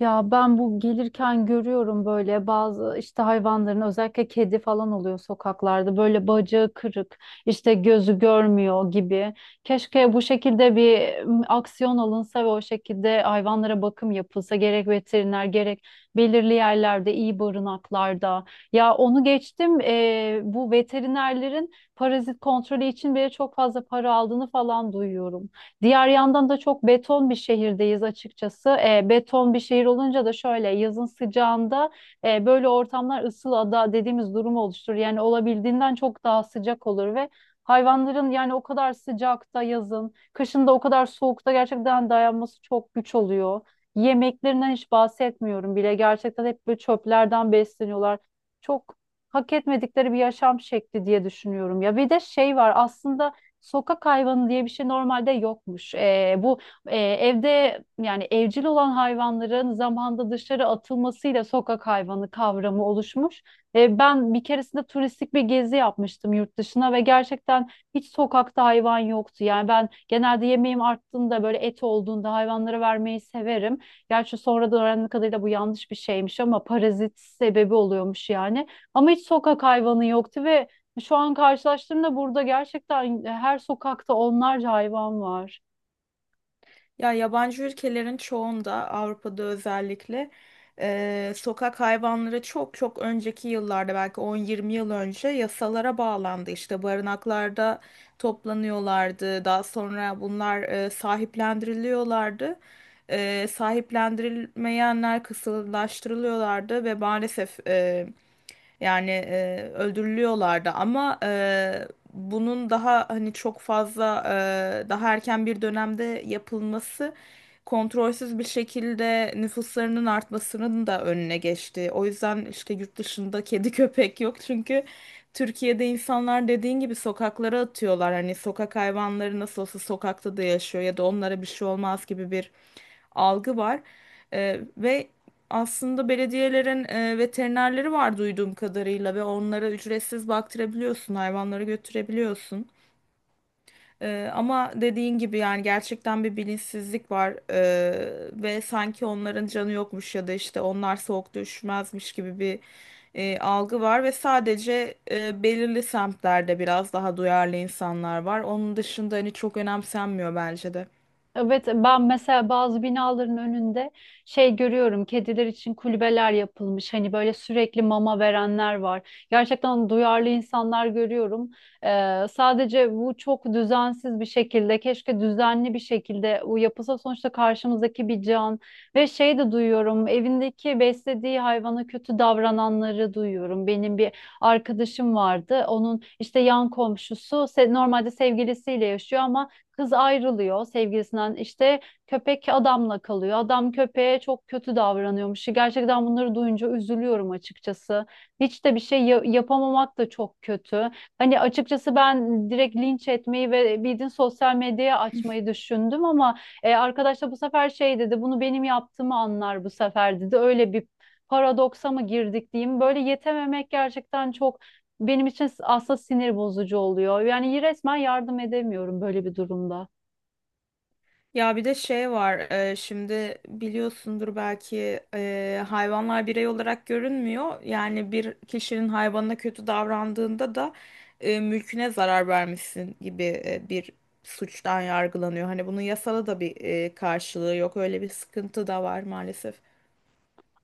Ya ben bu gelirken görüyorum böyle bazı işte hayvanların özellikle kedi falan oluyor sokaklarda böyle bacağı kırık işte gözü görmüyor gibi. Keşke bu şekilde bir aksiyon alınsa ve o şekilde hayvanlara bakım yapılsa gerek veteriner gerek belirli yerlerde iyi barınaklarda. Ya onu geçtim bu veterinerlerin parazit kontrolü için bile çok fazla para aldığını falan duyuyorum. Diğer yandan da çok beton bir şehirdeyiz açıkçası. Beton bir şehir olunca da şöyle yazın sıcağında böyle ortamlar ısıl ada dediğimiz durumu oluşturur. Yani olabildiğinden çok daha sıcak olur ve hayvanların yani o kadar sıcakta yazın, kışın da o kadar soğukta gerçekten dayanması çok güç oluyor. Yemeklerinden hiç bahsetmiyorum bile. Gerçekten hep böyle çöplerden besleniyorlar. Çok hak etmedikleri bir yaşam şekli diye düşünüyorum ya. Bir de şey var aslında, sokak hayvanı diye bir şey normalde yokmuş. Bu evde yani evcil olan hayvanların zamanda dışarı atılmasıyla sokak hayvanı kavramı oluşmuş. Ben bir keresinde turistik bir gezi yapmıştım yurt dışına ve gerçekten hiç sokakta hayvan yoktu. Yani ben genelde yemeğim arttığında böyle et olduğunda hayvanlara vermeyi severim. Gerçi sonradan öğrendiğim kadarıyla bu yanlış bir şeymiş ama parazit sebebi oluyormuş yani. Ama hiç sokak hayvanı yoktu ve şu an karşılaştığımda burada gerçekten her sokakta onlarca hayvan var. Ya yabancı ülkelerin çoğunda Avrupa'da özellikle sokak hayvanları çok çok önceki yıllarda belki 10-20 yıl önce yasalara bağlandı. İşte barınaklarda toplanıyorlardı. Daha sonra bunlar sahiplendiriliyorlardı. Sahiplendirilmeyenler kısırlaştırılıyorlardı ve maalesef yani öldürülüyorlardı, ama bunun daha hani çok fazla daha erken bir dönemde yapılması kontrolsüz bir şekilde nüfuslarının artmasının da önüne geçti. O yüzden işte yurt dışında kedi köpek yok, çünkü Türkiye'de insanlar dediğin gibi sokaklara atıyorlar. Hani sokak hayvanları nasıl olsa sokakta da yaşıyor ya da onlara bir şey olmaz gibi bir algı var. Ve aslında belediyelerin veterinerleri var duyduğum kadarıyla ve onlara ücretsiz baktırabiliyorsun, hayvanları götürebiliyorsun. Ama dediğin gibi yani gerçekten bir bilinçsizlik var. Ve sanki onların canı yokmuş ya da işte onlar soğukta üşümezmiş gibi bir algı var ve sadece belirli semtlerde biraz daha duyarlı insanlar var. Onun dışında hani çok önemsenmiyor bence de. Evet, ben mesela bazı binaların önünde şey görüyorum, kediler için kulübeler yapılmış, hani böyle sürekli mama verenler var. Gerçekten duyarlı insanlar görüyorum. Sadece bu çok düzensiz bir şekilde, keşke düzenli bir şekilde bu yapılsa, sonuçta karşımızdaki bir can. Ve şey de duyuyorum, evindeki beslediği hayvana kötü davrananları duyuyorum. Benim bir arkadaşım vardı, onun işte yan komşusu normalde sevgilisiyle yaşıyor ama kız ayrılıyor sevgilisinden, işte köpek adamla kalıyor. Adam köpeğe çok kötü davranıyormuş. Gerçekten bunları duyunca üzülüyorum açıkçası. Hiç de yapamamak da çok kötü. Hani açıkçası ben direkt linç etmeyi ve bildiğin sosyal medyaya açmayı düşündüm ama arkadaş da bu sefer şey dedi, bunu benim yaptığımı anlar bu sefer dedi. Öyle bir paradoksa mı girdik diyeyim. Böyle yetememek gerçekten çok benim için aslında sinir bozucu oluyor. Yani resmen yardım edemiyorum böyle bir durumda. Ya bir de şey var, şimdi biliyorsundur belki. Hayvanlar birey olarak görünmüyor. Yani bir kişinin hayvanına kötü davrandığında da mülküne zarar vermişsin gibi bir suçtan yargılanıyor. Hani bunun yasada da bir karşılığı yok. Öyle bir sıkıntı da var maalesef.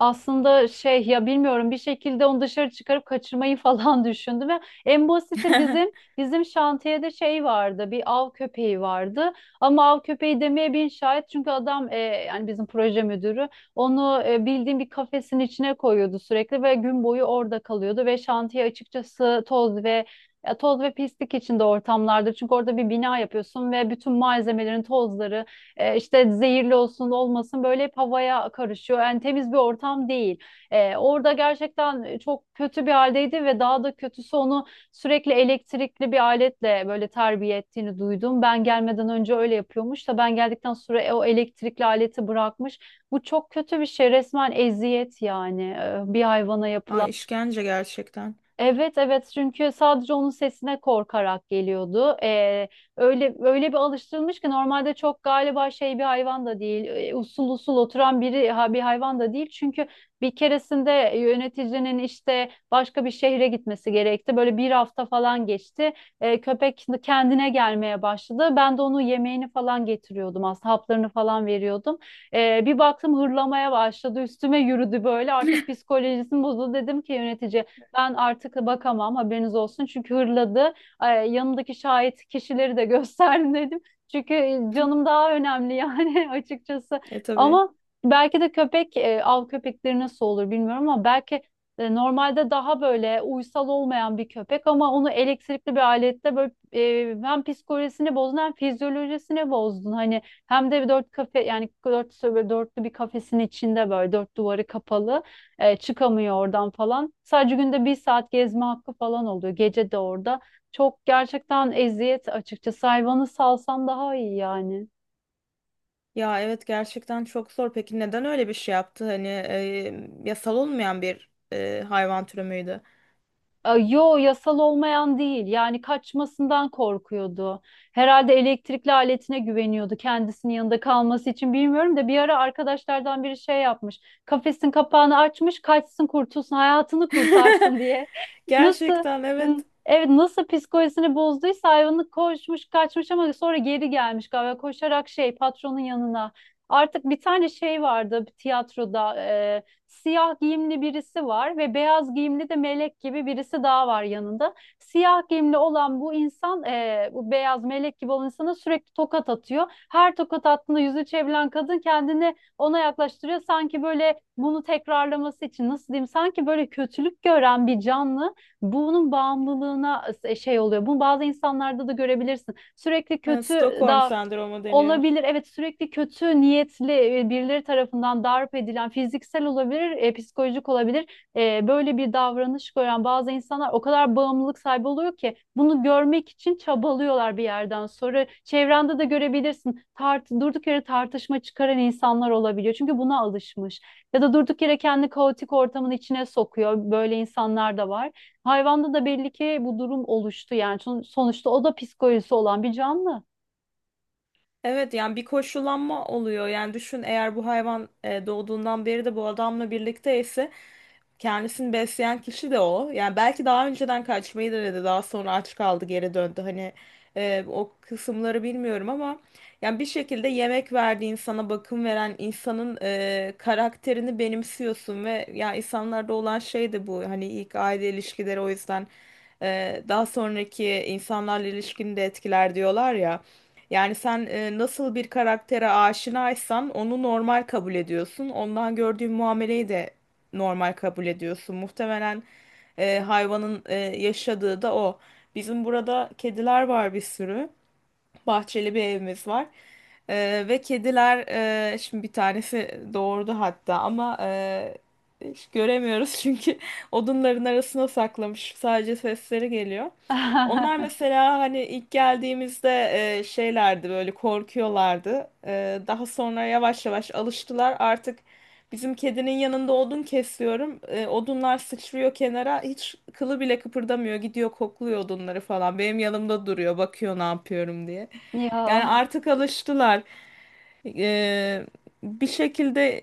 Aslında şey ya, bilmiyorum, bir şekilde onu dışarı çıkarıp kaçırmayı falan düşündüm. Ve en basiti bizim, bizim şantiyede şey vardı, bir av köpeği vardı ama av köpeği demeye bin şahit, çünkü adam yani bizim proje müdürü onu bildiğim bir kafesin içine koyuyordu sürekli ve gün boyu orada kalıyordu ve şantiye açıkçası toz ve, ya toz ve pislik içinde ortamlardı, çünkü orada bir bina yapıyorsun ve bütün malzemelerin tozları işte zehirli olsun olmasın böyle hep havaya karışıyor. Yani temiz bir ortam değil. Orada gerçekten çok kötü bir haldeydi ve daha da kötüsü onu sürekli elektrikli bir aletle böyle terbiye ettiğini duydum. Ben gelmeden önce öyle yapıyormuş da ben geldikten sonra o elektrikli aleti bırakmış. Bu çok kötü bir şey. Resmen eziyet yani, bir hayvana yapılan. Ay, işkence gerçekten. Evet, evet, çünkü sadece onun sesine korkarak geliyordu. Öyle bir alıştırılmış ki normalde çok galiba şey bir hayvan da değil. Usul usul oturan biri ha, bir hayvan da değil. Çünkü bir keresinde yöneticinin işte başka bir şehre gitmesi gerekti. Böyle bir hafta falan geçti. Köpek kendine gelmeye başladı. Ben de onu yemeğini falan getiriyordum aslında, haplarını falan veriyordum. Bir baktım hırlamaya başladı. Üstüme yürüdü böyle. Artık psikolojisini bozuldu, dedim ki yönetici, ben artık bakamam haberiniz olsun. Çünkü hırladı. Ay, yanımdaki şahit kişileri de gösterdim, dedim. Çünkü canım daha önemli yani açıkçası. E tabii. Ama belki de köpek, av köpekleri nasıl olur bilmiyorum ama belki normalde daha böyle uysal olmayan bir köpek, ama onu elektrikli bir alette böyle, hem psikolojisini bozdun hem fizyolojisini bozdun. Hani hem de bir dörtlü bir kafesin içinde böyle, dört duvarı kapalı. Çıkamıyor oradan falan. Sadece günde bir saat gezme hakkı falan oluyor. Gece de orada. Çok gerçekten eziyet açıkçası. Hayvanı salsan daha iyi yani. Ya evet, gerçekten çok zor. Peki neden öyle bir şey yaptı? Hani yasal olmayan bir hayvan türü müydü? Yo, yasal olmayan değil, yani kaçmasından korkuyordu. Herhalde elektrikli aletine güveniyordu kendisinin yanında kalması için, bilmiyorum da bir ara arkadaşlardan biri şey yapmış, kafesin kapağını açmış, kaçsın kurtulsun hayatını kurtarsın diye. Nasıl Gerçekten, hı, evet. evet, nasıl psikolojisini bozduysa hayvanı, koşmuş kaçmış ama sonra geri gelmiş galiba koşarak şey, patronun yanına. Artık bir tane şey vardı, bir tiyatroda siyah giyimli birisi var ve beyaz giyimli de melek gibi birisi daha var yanında. Siyah giyimli olan bu insan, bu beyaz melek gibi olan insana sürekli tokat atıyor. Her tokat attığında yüzü çevrilen kadın kendini ona yaklaştırıyor. Sanki böyle bunu tekrarlaması için, nasıl diyeyim? Sanki böyle kötülük gören bir canlı bunun bağımlılığına şey oluyor. Bunu bazı insanlarda da görebilirsin. Sürekli Ha, kötü Stockholm daha. sendromu deniyor. Olabilir. Evet, sürekli kötü niyetli birileri tarafından darp edilen, fiziksel olabilir, psikolojik olabilir. Böyle bir davranış gören bazı insanlar o kadar bağımlılık sahibi oluyor ki bunu görmek için çabalıyorlar bir yerden sonra. Çevrende de görebilirsin. Durduk yere tartışma çıkaran insanlar olabiliyor. Çünkü buna alışmış. Ya da durduk yere kendi kaotik ortamın içine sokuyor. Böyle insanlar da var. Hayvanda da belli ki bu durum oluştu yani. Sonuçta o da psikolojisi olan bir canlı. Evet, yani bir koşullanma oluyor. Yani düşün, eğer bu hayvan doğduğundan beri de bu adamla birlikteyse, kendisini besleyen kişi de o. Yani belki daha önceden kaçmayı denedi, daha sonra aç kaldı, geri döndü. Hani o kısımları bilmiyorum, ama yani bir şekilde yemek verdiği insana, bakım veren insanın karakterini benimsiyorsun ve ya insanlarda olan şey de bu. Hani ilk aile ilişkileri o yüzden daha sonraki insanlarla ilişkini de etkiler diyorlar ya. Yani sen nasıl bir karaktere aşinaysan onu normal kabul ediyorsun. Ondan gördüğün muameleyi de normal kabul ediyorsun. Muhtemelen hayvanın yaşadığı da o. Bizim burada kediler var bir sürü. Bahçeli bir evimiz var. Ve kediler, şimdi bir tanesi doğurdu hatta, ama hiç göremiyoruz çünkü odunların arasına saklamış. Sadece sesleri geliyor. Onlar mesela hani ilk geldiğimizde şeylerdi, böyle korkuyorlardı. Daha sonra yavaş yavaş alıştılar. Artık bizim kedinin yanında odun kesiyorum. Odunlar sıçrıyor kenara. Hiç kılı bile kıpırdamıyor. Gidiyor kokluyor odunları falan. Benim yanımda duruyor. Bakıyor ne yapıyorum diye. Yani Ya artık alıştılar. E, Bir şekilde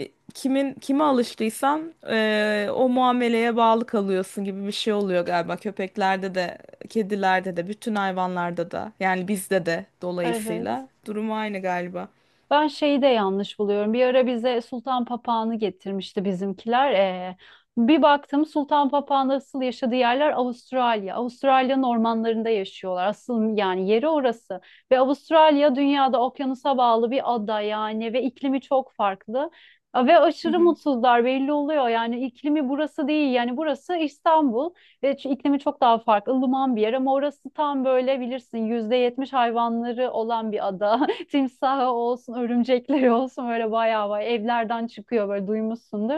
kimin kime alıştıysan o muameleye bağlı kalıyorsun gibi bir şey oluyor galiba. Köpeklerde de, kedilerde de, bütün hayvanlarda da. Yani bizde de evet. dolayısıyla. Durum aynı galiba. Ben şeyi de yanlış buluyorum. Bir ara bize sultan papağanı getirmişti bizimkiler. Bir baktım, sultan papağanı asıl yaşadığı yerler Avustralya. Avustralya'nın ormanlarında yaşıyorlar. Asıl yani yeri orası. Ve Avustralya dünyada okyanusa bağlı bir ada yani ve iklimi çok farklı. Ve Hı aşırı hı. mutsuzlar, belli oluyor. Yani iklimi burası değil. Yani burası İstanbul. İklimi çok daha farklı. Ilıman bir yer ama orası tam böyle bilirsin %70 hayvanları olan bir ada. Timsahı olsun, örümcekleri olsun böyle bayağı bayağı evlerden çıkıyor, böyle duymuşsundur.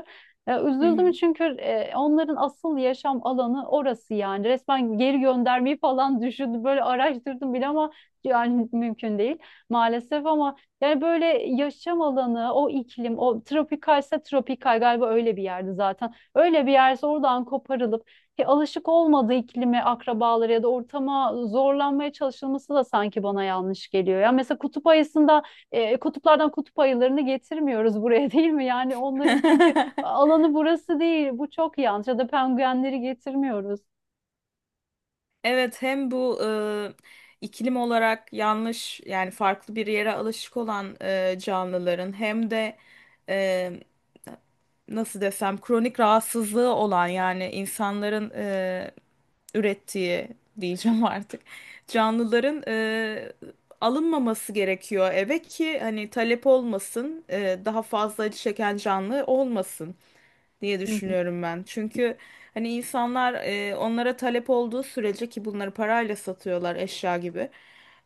Hı Üzüldüm hı. çünkü onların asıl yaşam alanı orası yani. Resmen geri göndermeyi falan düşündüm. Böyle araştırdım bile ama yani mümkün değil maalesef ama yani böyle yaşam alanı, o iklim, o tropikalse tropikal galiba öyle bir yerde zaten. Öyle bir yerse oradan koparılıp, ki alışık olmadığı iklime, akrabaları ya da ortama zorlanmaya çalışılması da sanki bana yanlış geliyor. Ya mesela kutup ayısında, kutuplardan kutup ayılarını getirmiyoruz buraya değil mi? Yani onların çünkü alanı burası değil. Bu çok yanlış. Ya da penguenleri getirmiyoruz. Evet, hem bu iklim olarak yanlış yani farklı bir yere alışık olan canlıların, hem de e, nasıl desem, kronik rahatsızlığı olan yani insanların ürettiği diyeceğim artık canlıların alınmaması gerekiyor eve, ki hani talep olmasın, daha fazla acı çeken canlı olmasın diye Hı hı. düşünüyorum ben. Çünkü hani insanlar onlara talep olduğu sürece, ki bunları parayla satıyorlar eşya gibi,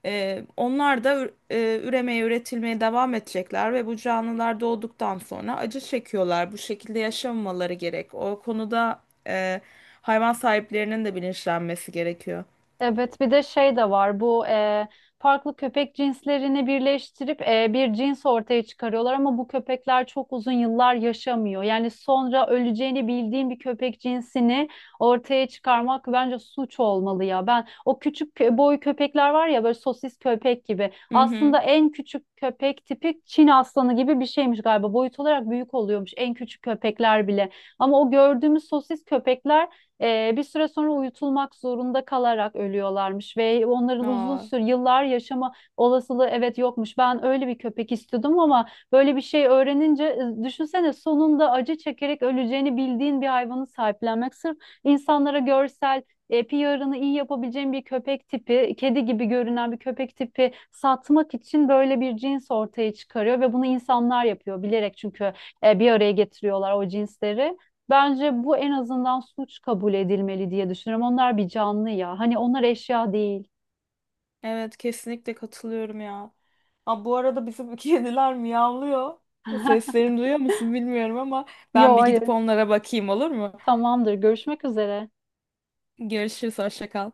onlar da üremeye, üretilmeye devam edecekler ve bu canlılar doğduktan sonra acı çekiyorlar. Bu şekilde yaşamamaları gerek. O konuda hayvan sahiplerinin de bilinçlenmesi gerekiyor. Evet, bir de şey de var. Bu farklı köpek cinslerini birleştirip bir cins ortaya çıkarıyorlar ama bu köpekler çok uzun yıllar yaşamıyor. Yani sonra öleceğini bildiğin bir köpek cinsini ortaya çıkarmak bence suç olmalı ya. Ben o boy köpekler var ya, böyle sosis köpek gibi. Hı hı. Aslında en küçük köpek tipi Çin aslanı gibi bir şeymiş galiba. Boyut olarak büyük oluyormuş en küçük köpekler bile. Ama o gördüğümüz sosis köpekler bir süre sonra uyutulmak zorunda kalarak ölüyorlarmış ve onların uzun Aa, süre yıllar yaşama olasılığı evet yokmuş. Ben öyle bir köpek istiyordum ama böyle bir şey öğrenince, düşünsene, sonunda acı çekerek öleceğini bildiğin bir hayvanı sahiplenmek sırf insanlara görsel PR'ını iyi yapabileceğin bir köpek tipi, kedi gibi görünen bir köpek tipi satmak için böyle bir cins ortaya çıkarıyor ve bunu insanlar yapıyor bilerek, çünkü bir araya getiriyorlar o cinsleri. Bence bu en azından suç kabul edilmeli diye düşünüyorum. Onlar bir canlı ya. Hani onlar eşya değil. evet kesinlikle katılıyorum ya. Aa, bu arada bizim kediler miyavlıyor. Seslerini duyuyor musun bilmiyorum, ama ben Yo, bir gidip hayır. onlara bakayım, olur mu? Tamamdır. Görüşmek üzere. Görüşürüz, hoşça kal.